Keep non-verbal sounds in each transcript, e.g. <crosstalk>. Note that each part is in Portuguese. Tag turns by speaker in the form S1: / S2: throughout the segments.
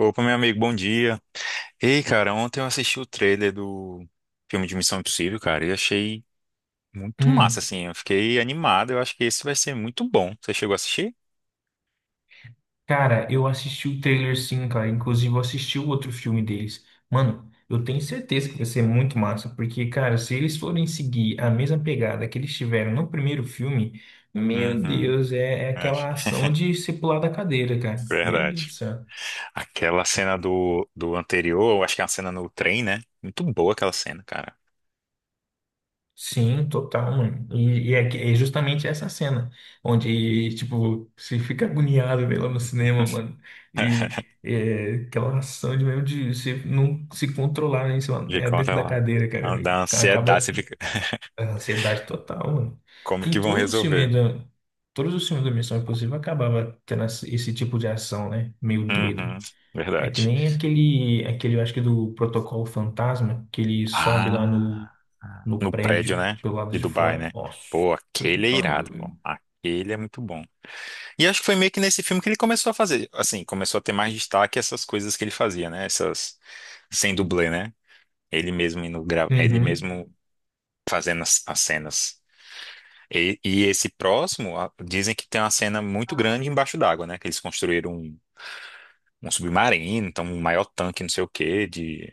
S1: Opa, meu amigo, bom dia. Ei, cara, ontem eu assisti o trailer do filme de Missão Impossível, cara, e achei muito massa,
S2: Hum,
S1: assim. Eu fiquei animado, eu acho que esse vai ser muito bom. Você chegou a assistir?
S2: cara, eu assisti o trailer sim, cara. Inclusive, eu assisti o outro filme deles. Mano, eu tenho certeza que vai ser muito massa, porque, cara, se eles forem seguir a mesma pegada que eles tiveram no primeiro filme, meu
S1: Uhum.
S2: Deus, é
S1: É, acho.
S2: aquela ação
S1: <laughs>
S2: de se pular da cadeira, cara. Meu Deus do
S1: Verdade.
S2: céu.
S1: Aquela cena do anterior, eu acho que é uma cena no trem, né? Muito boa aquela cena, cara.
S2: Sim, total, mano. E é justamente essa cena onde, tipo, você fica agoniado vendo ela no cinema, mano. E
S1: <laughs>
S2: é, aquela ação de mesmo de você não se controlar né, em cima,
S1: De
S2: né, dentro
S1: conta
S2: da
S1: lá.
S2: cadeira, cara. E
S1: Da
S2: acaba
S1: ansiedade, você
S2: tipo,
S1: fica. <laughs>
S2: a ansiedade total, mano.
S1: Como
S2: Em
S1: que vão
S2: todos os filmes
S1: resolver?
S2: todos os filmes da Missão Impossível acabava tendo esse tipo de ação, né? Meio doido.
S1: Uhum.
S2: É que
S1: Verdade.
S2: nem aquele, eu acho que do Protocolo Fantasma, que ele sobe lá
S1: Ah,
S2: no
S1: no prédio,
S2: prédio,
S1: né?
S2: pelo lado
S1: De
S2: de
S1: Dubai,
S2: fora.
S1: né?
S2: Nossa,
S1: Pô,
S2: você
S1: aquele é
S2: tá
S1: irado, pô.
S2: doido.
S1: Aquele é muito bom. E acho que foi meio que nesse filme que ele começou a fazer, assim, começou a ter mais destaque essas coisas que ele fazia, né? Essas sem dublê, né? Ele mesmo indo gra... ele
S2: Uhum.
S1: mesmo fazendo as cenas. E esse próximo, a- dizem que tem uma cena muito grande embaixo d'água, né? Que eles construíram um, um submarino, então um maior tanque, não sei o quê,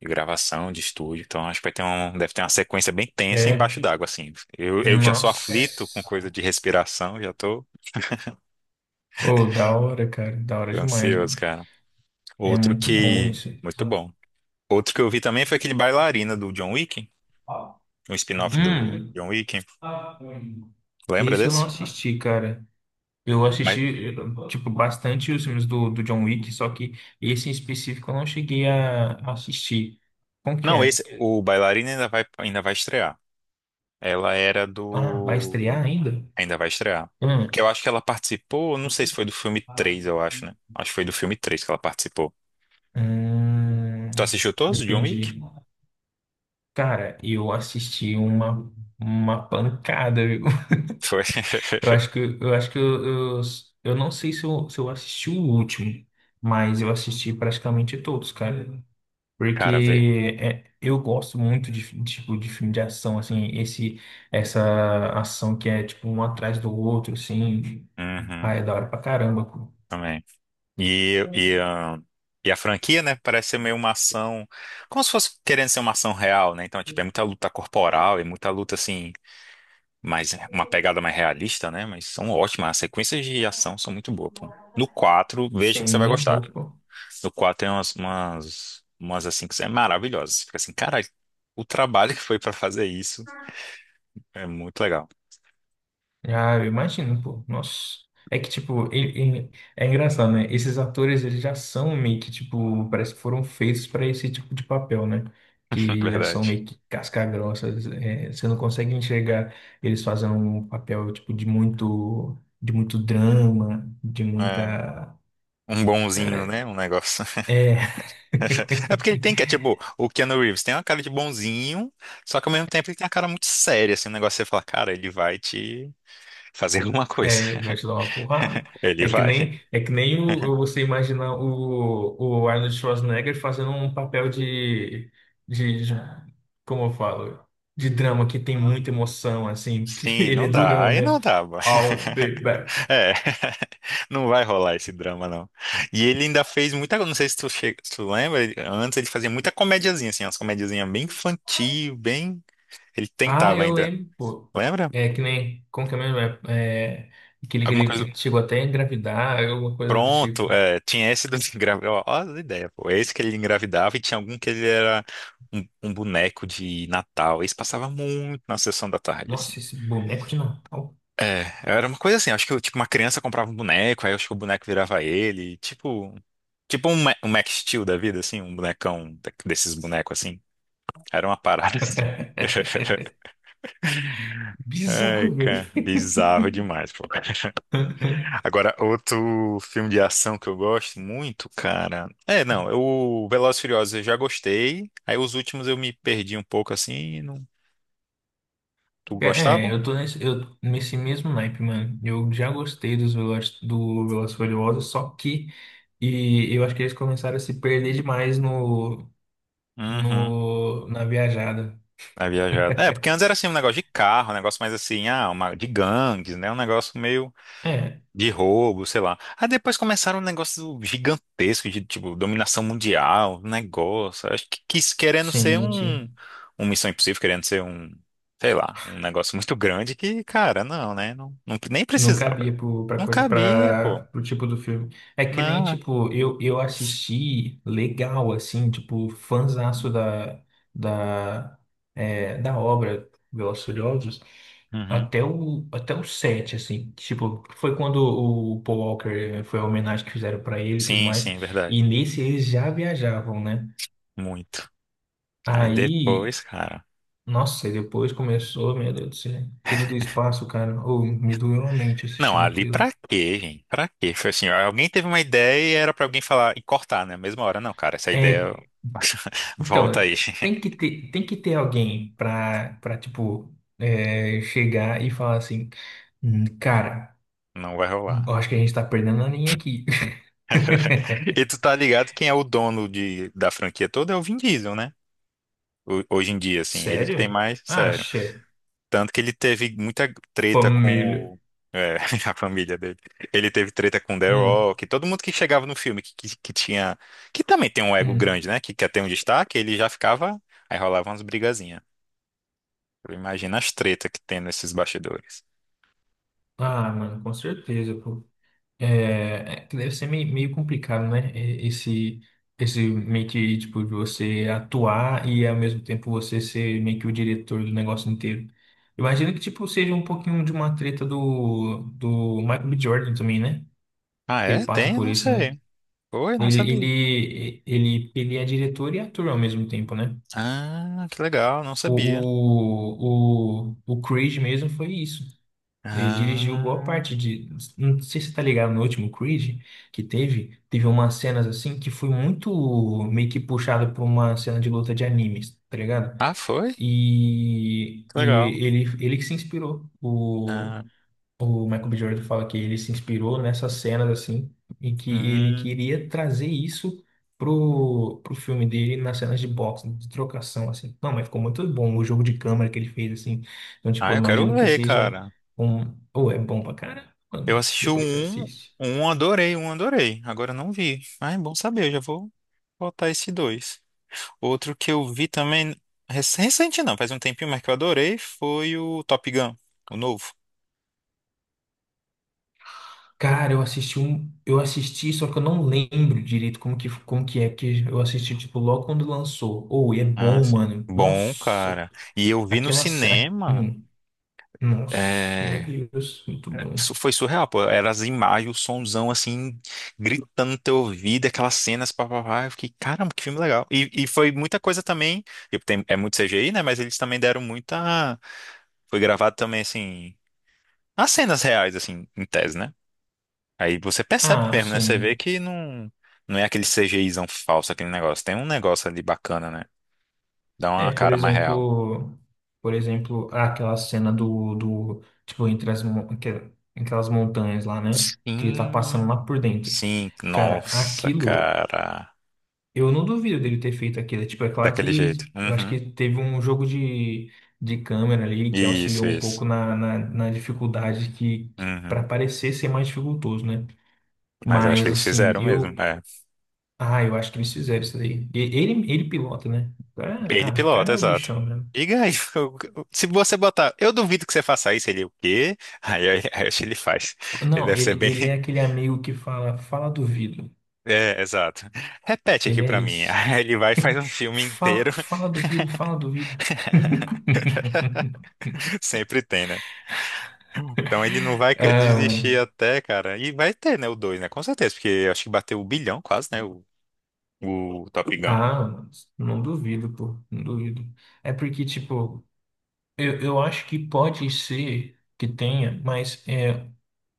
S1: de gravação, de estúdio. Então acho que vai ter um, deve ter uma sequência bem tensa
S2: É.
S1: embaixo d'água, assim. Eu já sou
S2: Nossa.
S1: aflito com coisa de respiração, já tô
S2: Ô, da hora, cara. Da hora demais,
S1: ansioso,
S2: mano.
S1: cara.
S2: É
S1: Outro
S2: muito bom
S1: que.
S2: isso.
S1: Muito bom. Outro que eu vi também foi aquele Bailarina do John Wick, um spin-off do
S2: Hum,
S1: John Wick. Lembra
S2: esse eu não
S1: desse?
S2: assisti, cara. Eu
S1: Mas
S2: assisti, tipo, bastante os filmes do John Wick, só que esse em específico eu não cheguei a assistir. Como que
S1: não, esse,
S2: é?
S1: o Bailarina ainda vai estrear. Ela era
S2: Ah, vai
S1: do.
S2: estrear ainda?
S1: Ainda vai estrear.
S2: Hum,
S1: Porque eu acho que ela participou, não sei se foi do filme 3, eu acho, né? Acho que foi do filme 3 que ela participou. Tu
S2: hum,
S1: assistiu todos, John Wick?
S2: entendi. Cara, eu assisti uma pancada, viu? <laughs>
S1: Foi.
S2: Eu acho que eu acho que eu, eu não sei se eu, se eu assisti o último, mas eu assisti praticamente todos, cara.
S1: <laughs> Cara, vê.
S2: Porque é, eu gosto muito de tipo, de filme de ação, assim, essa ação que é tipo um atrás do outro, assim. Ah,
S1: Uhum,
S2: é da hora pra caramba.
S1: também. E, e, ahn, e a franquia, né? Parece ser meio uma ação. Como se fosse querendo ser uma ação real, né? Então, tipo, é muita luta corporal e muita luta, assim, mais, uma pegada mais realista, né? Mas são ótimas. As sequências de ação são muito boas, pô. No 4 veja que você vai
S2: Sim,
S1: gostar.
S2: opa.
S1: No 4 tem umas, umas, umas assim, que são maravilhosas. Você fica assim, cara, o trabalho que foi pra fazer isso é muito legal.
S2: Ah, eu imagino, pô. Nossa. É que, tipo, ele é engraçado, né? Esses atores, eles já são meio que, tipo, parece que foram feitos para esse tipo de papel, né?
S1: <laughs>
S2: Que já são
S1: Verdade.
S2: meio que casca-grossas. É, você não consegue enxergar eles fazendo um papel, tipo, de muito drama, de
S1: É.
S2: muita...
S1: Um bonzinho, né? Um negócio.
S2: É...
S1: <laughs> É porque ele
S2: <laughs>
S1: tem que, é tipo, o Keanu Reeves tem uma cara de bonzinho, só que ao mesmo tempo ele tem uma cara muito séria, assim, um negócio que você fala, cara, ele vai te fazer alguma coisa.
S2: É, vai
S1: <laughs>
S2: te dar uma porrada.
S1: Ele vai.
S2: É que nem o você imaginar o Arnold Schwarzenegger fazendo um papel de como eu falo, de drama que tem muita emoção, assim, que <laughs>
S1: Sim,
S2: ele é
S1: não dá,
S2: durão,
S1: aí
S2: né?
S1: não dá. Bo-
S2: I'll
S1: <laughs>
S2: be back.
S1: É, <laughs> não vai rolar esse drama, não. E ele ainda fez muita, não sei se tu, che- se tu lembra, ele- antes ele fazia muita comediazinha, assim, umas comediazinhas bem infantil, bem. Ele
S2: Ah,
S1: tentava
S2: eu
S1: ainda,
S2: lembro, pô.
S1: lembra?
S2: É que nem, como que é mesmo? É, é, que
S1: Alguma coisa.
S2: ele chegou até a engravidar, alguma coisa do tipo.
S1: Pronto, é, tinha esse do <laughs> engravidar. Ó, ó as ideias, pô. Esse que ele engravidava e tinha algum que ele era um, um boneco de Natal. Esse passava muito na sessão da tarde, assim.
S2: Nossa, esse boneco de Natal.
S1: É, era uma coisa assim, acho que tipo, uma criança comprava um boneco, aí acho que o boneco virava ele, tipo, tipo um, Ma- um Max Steel da vida, assim, um bonecão da- desses bonecos assim. Era uma parada assim.
S2: <laughs>
S1: <laughs> Ai,
S2: Bizarro, velho.
S1: cara, bizarro demais, pô.
S2: <laughs>
S1: Agora, outro filme de ação que eu gosto muito, cara. É, não, é o Velozes e Furiosos eu já gostei. Aí os últimos eu me perdi um pouco assim. E não... Tu
S2: É,
S1: gostava?
S2: eu tô nesse, eu, nesse mesmo naipe, mano. Eu já gostei dos Velozes, do Velozes e Furiosos, só que e eu acho que eles começaram a se perder demais no,
S1: Uhum.
S2: no, na viajada.
S1: A viajada. É, porque antes era assim um negócio de carro, um negócio mais assim, ah, uma... de gangues, né? Um negócio meio.
S2: É,
S1: De roubo, sei lá. Aí depois começaram um negócio gigantesco de, tipo, dominação mundial, um negócio. Acho que quis querendo ser
S2: sim,
S1: um,
S2: sim.
S1: um Missão Impossível, querendo ser um, sei lá, um negócio muito grande que, cara, não, né? Não, não- nem
S2: Não
S1: precisava.
S2: cabia pro, pra,
S1: Não
S2: co-
S1: cabia,
S2: pra,
S1: pô.
S2: pro tipo do filme. É que nem,
S1: Não.
S2: tipo, eu assisti legal, assim, tipo, fãzaço da, da obra Velozes e Furiosos
S1: Uhum.
S2: até até o 7, assim. Tipo, foi quando o Paul Walker, foi a homenagem que fizeram pra ele e tudo
S1: Sim,
S2: mais.
S1: sim, verdade.
S2: E nesse eles já viajavam, né?
S1: Muito. Aí depois,
S2: Aí,
S1: cara.
S2: nossa, e depois começou, meu Deus do céu, aquilo do espaço, cara, ou me doeu a mente
S1: Não,
S2: assistindo
S1: ali
S2: aquilo.
S1: pra quê, gente? Pra quê? Foi assim, alguém teve uma ideia e era pra alguém falar e cortar, né? Mesma hora, não, cara, essa ideia
S2: É.
S1: <laughs> volta
S2: Então,
S1: aí.
S2: tem que ter alguém pra tipo, é, chegar e falar assim, cara,
S1: Não vai rolar.
S2: eu acho que a gente tá perdendo a linha aqui."
S1: <laughs> E tu
S2: <laughs>
S1: tá ligado quem é o dono de, da franquia toda é o Vin Diesel, né? Ho- Hoje em dia, assim, ele que tem
S2: Sério?
S1: mais, sério.
S2: Acha?
S1: Tanto que ele teve muita treta com
S2: Família.
S1: o, é, <laughs> a família dele. Ele teve treta com The
S2: Hum,
S1: Rock, todo mundo que chegava no filme que, que tinha, que também tem um ego
S2: hum.
S1: grande, né? Que quer ter um destaque, ele já ficava, aí rolava umas brigazinhas. Imagina as tretas que tem nesses bastidores.
S2: Ah, mano, com certeza, pô. É que deve ser meio, meio complicado, né? Esse meio que, tipo, de você atuar e ao mesmo tempo você ser meio que o diretor do negócio inteiro. Imagino que, tipo, seja um pouquinho de uma treta do Michael B. Jordan também, né?
S1: Ah,
S2: Que ele
S1: é?
S2: passa
S1: Tem? Eu
S2: por
S1: não
S2: isso, né?
S1: sei. Oi, não sabia.
S2: Ele é diretor e ator ao mesmo tempo, né?
S1: Ah, que legal, não sabia.
S2: O Creed mesmo foi isso. Ele dirigiu boa
S1: Ah.
S2: parte de. Não sei se você tá ligado no último Creed que teve. Teve umas cenas assim que foi muito meio que puxado por uma cena de luta de animes, tá ligado?
S1: Ah, foi? Que legal.
S2: Ele que se inspirou.
S1: Ah,
S2: O Michael B. Jordan fala que ele se inspirou nessas cenas assim e que ele
S1: hum.
S2: queria trazer isso pro filme dele nas cenas de boxe, de trocação assim. Não, mas ficou muito bom o jogo de câmera que ele fez assim. Então, tipo,
S1: Ah,
S2: eu
S1: eu quero
S2: imagino que
S1: ver,
S2: seja um,
S1: cara.
S2: um... ou é bom pra caramba,
S1: Eu
S2: mano.
S1: assisti o
S2: Depois você
S1: um,
S2: assiste.
S1: um adorei, um adorei. Agora eu não vi. Ah, é bom saber, eu já vou botar esse dois. Outro que eu vi também, rec- recente não, faz um tempinho, mas que eu adorei, foi o Top Gun, o novo.
S2: Cara, eu assisti um, eu assisti, só que eu não lembro direito como que é, que eu assisti, tipo, logo quando lançou. Ou, e é
S1: Ah,
S2: bom,
S1: sim.
S2: mano.
S1: Bom,
S2: Nossa,
S1: cara. E eu vi no
S2: aquela cena.
S1: cinema.
S2: Nossa, meu
S1: É...
S2: Deus, muito bom.
S1: Isso foi surreal, pô. Era as imagens, o sonzão assim, gritando no teu ouvido, aquelas cenas, papapá. Eu fiquei, caramba, que filme legal. E foi muita coisa também. E tem- é muito CGI, né? Mas eles também deram muita. Foi gravado também, assim, as cenas reais, assim, em tese, né? Aí você percebe
S2: Ah,
S1: mesmo, né? Você vê
S2: sim.
S1: que não, não é aquele CGIzão falso, aquele negócio. Tem um negócio ali bacana, né? Dá
S2: É,
S1: uma cara mais real.
S2: por exemplo, aquela cena do tipo, entre as, mon- aquela- aquelas montanhas lá, né? Que ele tá passando lá
S1: Sim.
S2: por dentro.
S1: Sim,
S2: Cara,
S1: nossa,
S2: aquilo,
S1: cara.
S2: eu não duvido dele ter feito aquilo. Tipo, é claro
S1: Daquele jeito.
S2: que eu acho que
S1: Uhum.
S2: teve um jogo de câmera ali que
S1: Isso,
S2: auxiliou um pouco
S1: isso.
S2: na dificuldade que, para
S1: Uhum.
S2: parecer ser mais dificultoso, né?
S1: Mas acho que
S2: Mas,
S1: eles
S2: assim,
S1: fizeram mesmo.
S2: eu
S1: É.
S2: ah, eu acho que eles fizeram isso daí. Ele pilota, né?
S1: Ele
S2: Ah, ah, o
S1: pilota,
S2: cara é o
S1: exato.
S2: bichão mesmo.
S1: Diga aí, <laughs> se você botar, eu duvido que você faça isso, ele é o quê? Aí acho que ele faz. Ele
S2: Não,
S1: deve ser bem.
S2: ele é
S1: <laughs>
S2: aquele amigo que fala, fala duvido.
S1: É, exato. Repete aqui
S2: Ele é
S1: pra mim. <laughs>
S2: esse.
S1: Aí ele vai e faz
S2: <laughs>
S1: um filme inteiro.
S2: Fala, fala duvido, fala duvido. <laughs>
S1: <laughs> Sempre tem, né? Então ele não vai
S2: Ah,
S1: desistir
S2: mano.
S1: até, cara. E vai ter, né, o 2, né? Com certeza, porque eu acho que bateu o bilhão quase, né? O Top Gun.
S2: Ah, mano, não duvido, pô, não duvido. É porque, tipo, eu acho que pode ser que tenha, mas é.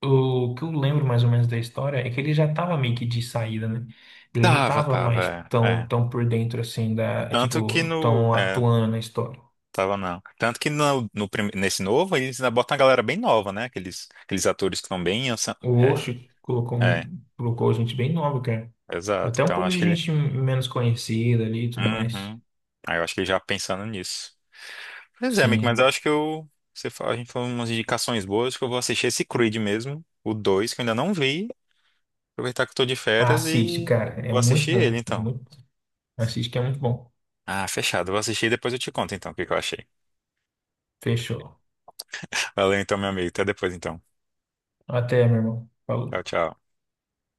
S2: O que eu lembro mais ou menos da história é que ele já tava meio que de saída, né? Ele não
S1: Tava,
S2: tava mais
S1: tava. É.
S2: tão,
S1: É.
S2: tão por dentro assim da,
S1: Tanto que
S2: tipo,
S1: no.
S2: tão
S1: É,
S2: atuando na história.
S1: tava não. Tanto que no, no prim- nesse novo, eles ainda botam a galera bem nova, né? Aqueles, aqueles atores que estão bem. Anci-
S2: O
S1: é,
S2: Osh colocou,
S1: é,
S2: um- colocou gente bem nova, cara.
S1: exato.
S2: Até um
S1: Então
S2: pouco
S1: acho
S2: de
S1: que ele.
S2: gente menos conhecida ali e tudo mais.
S1: Uhum. Aí eu acho que ele já pensando nisso. Pois é, amigo, mas eu
S2: Sim.
S1: acho que eu. Você fa- a gente falou umas indicações boas, acho que eu vou assistir esse Creed mesmo, o 2 que eu ainda não vi. Aproveitar que eu tô de férias
S2: Assiste,
S1: e
S2: cara. É
S1: vou
S2: muito
S1: assistir ele
S2: bom. É
S1: então.
S2: muito... Assiste que é muito bom.
S1: Ah, fechado. Vou assistir e depois eu te conto então o que que eu achei.
S2: Fechou.
S1: Valeu então, meu amigo. Até depois então.
S2: Até, meu irmão.
S1: Tchau,
S2: Falou.
S1: tchau.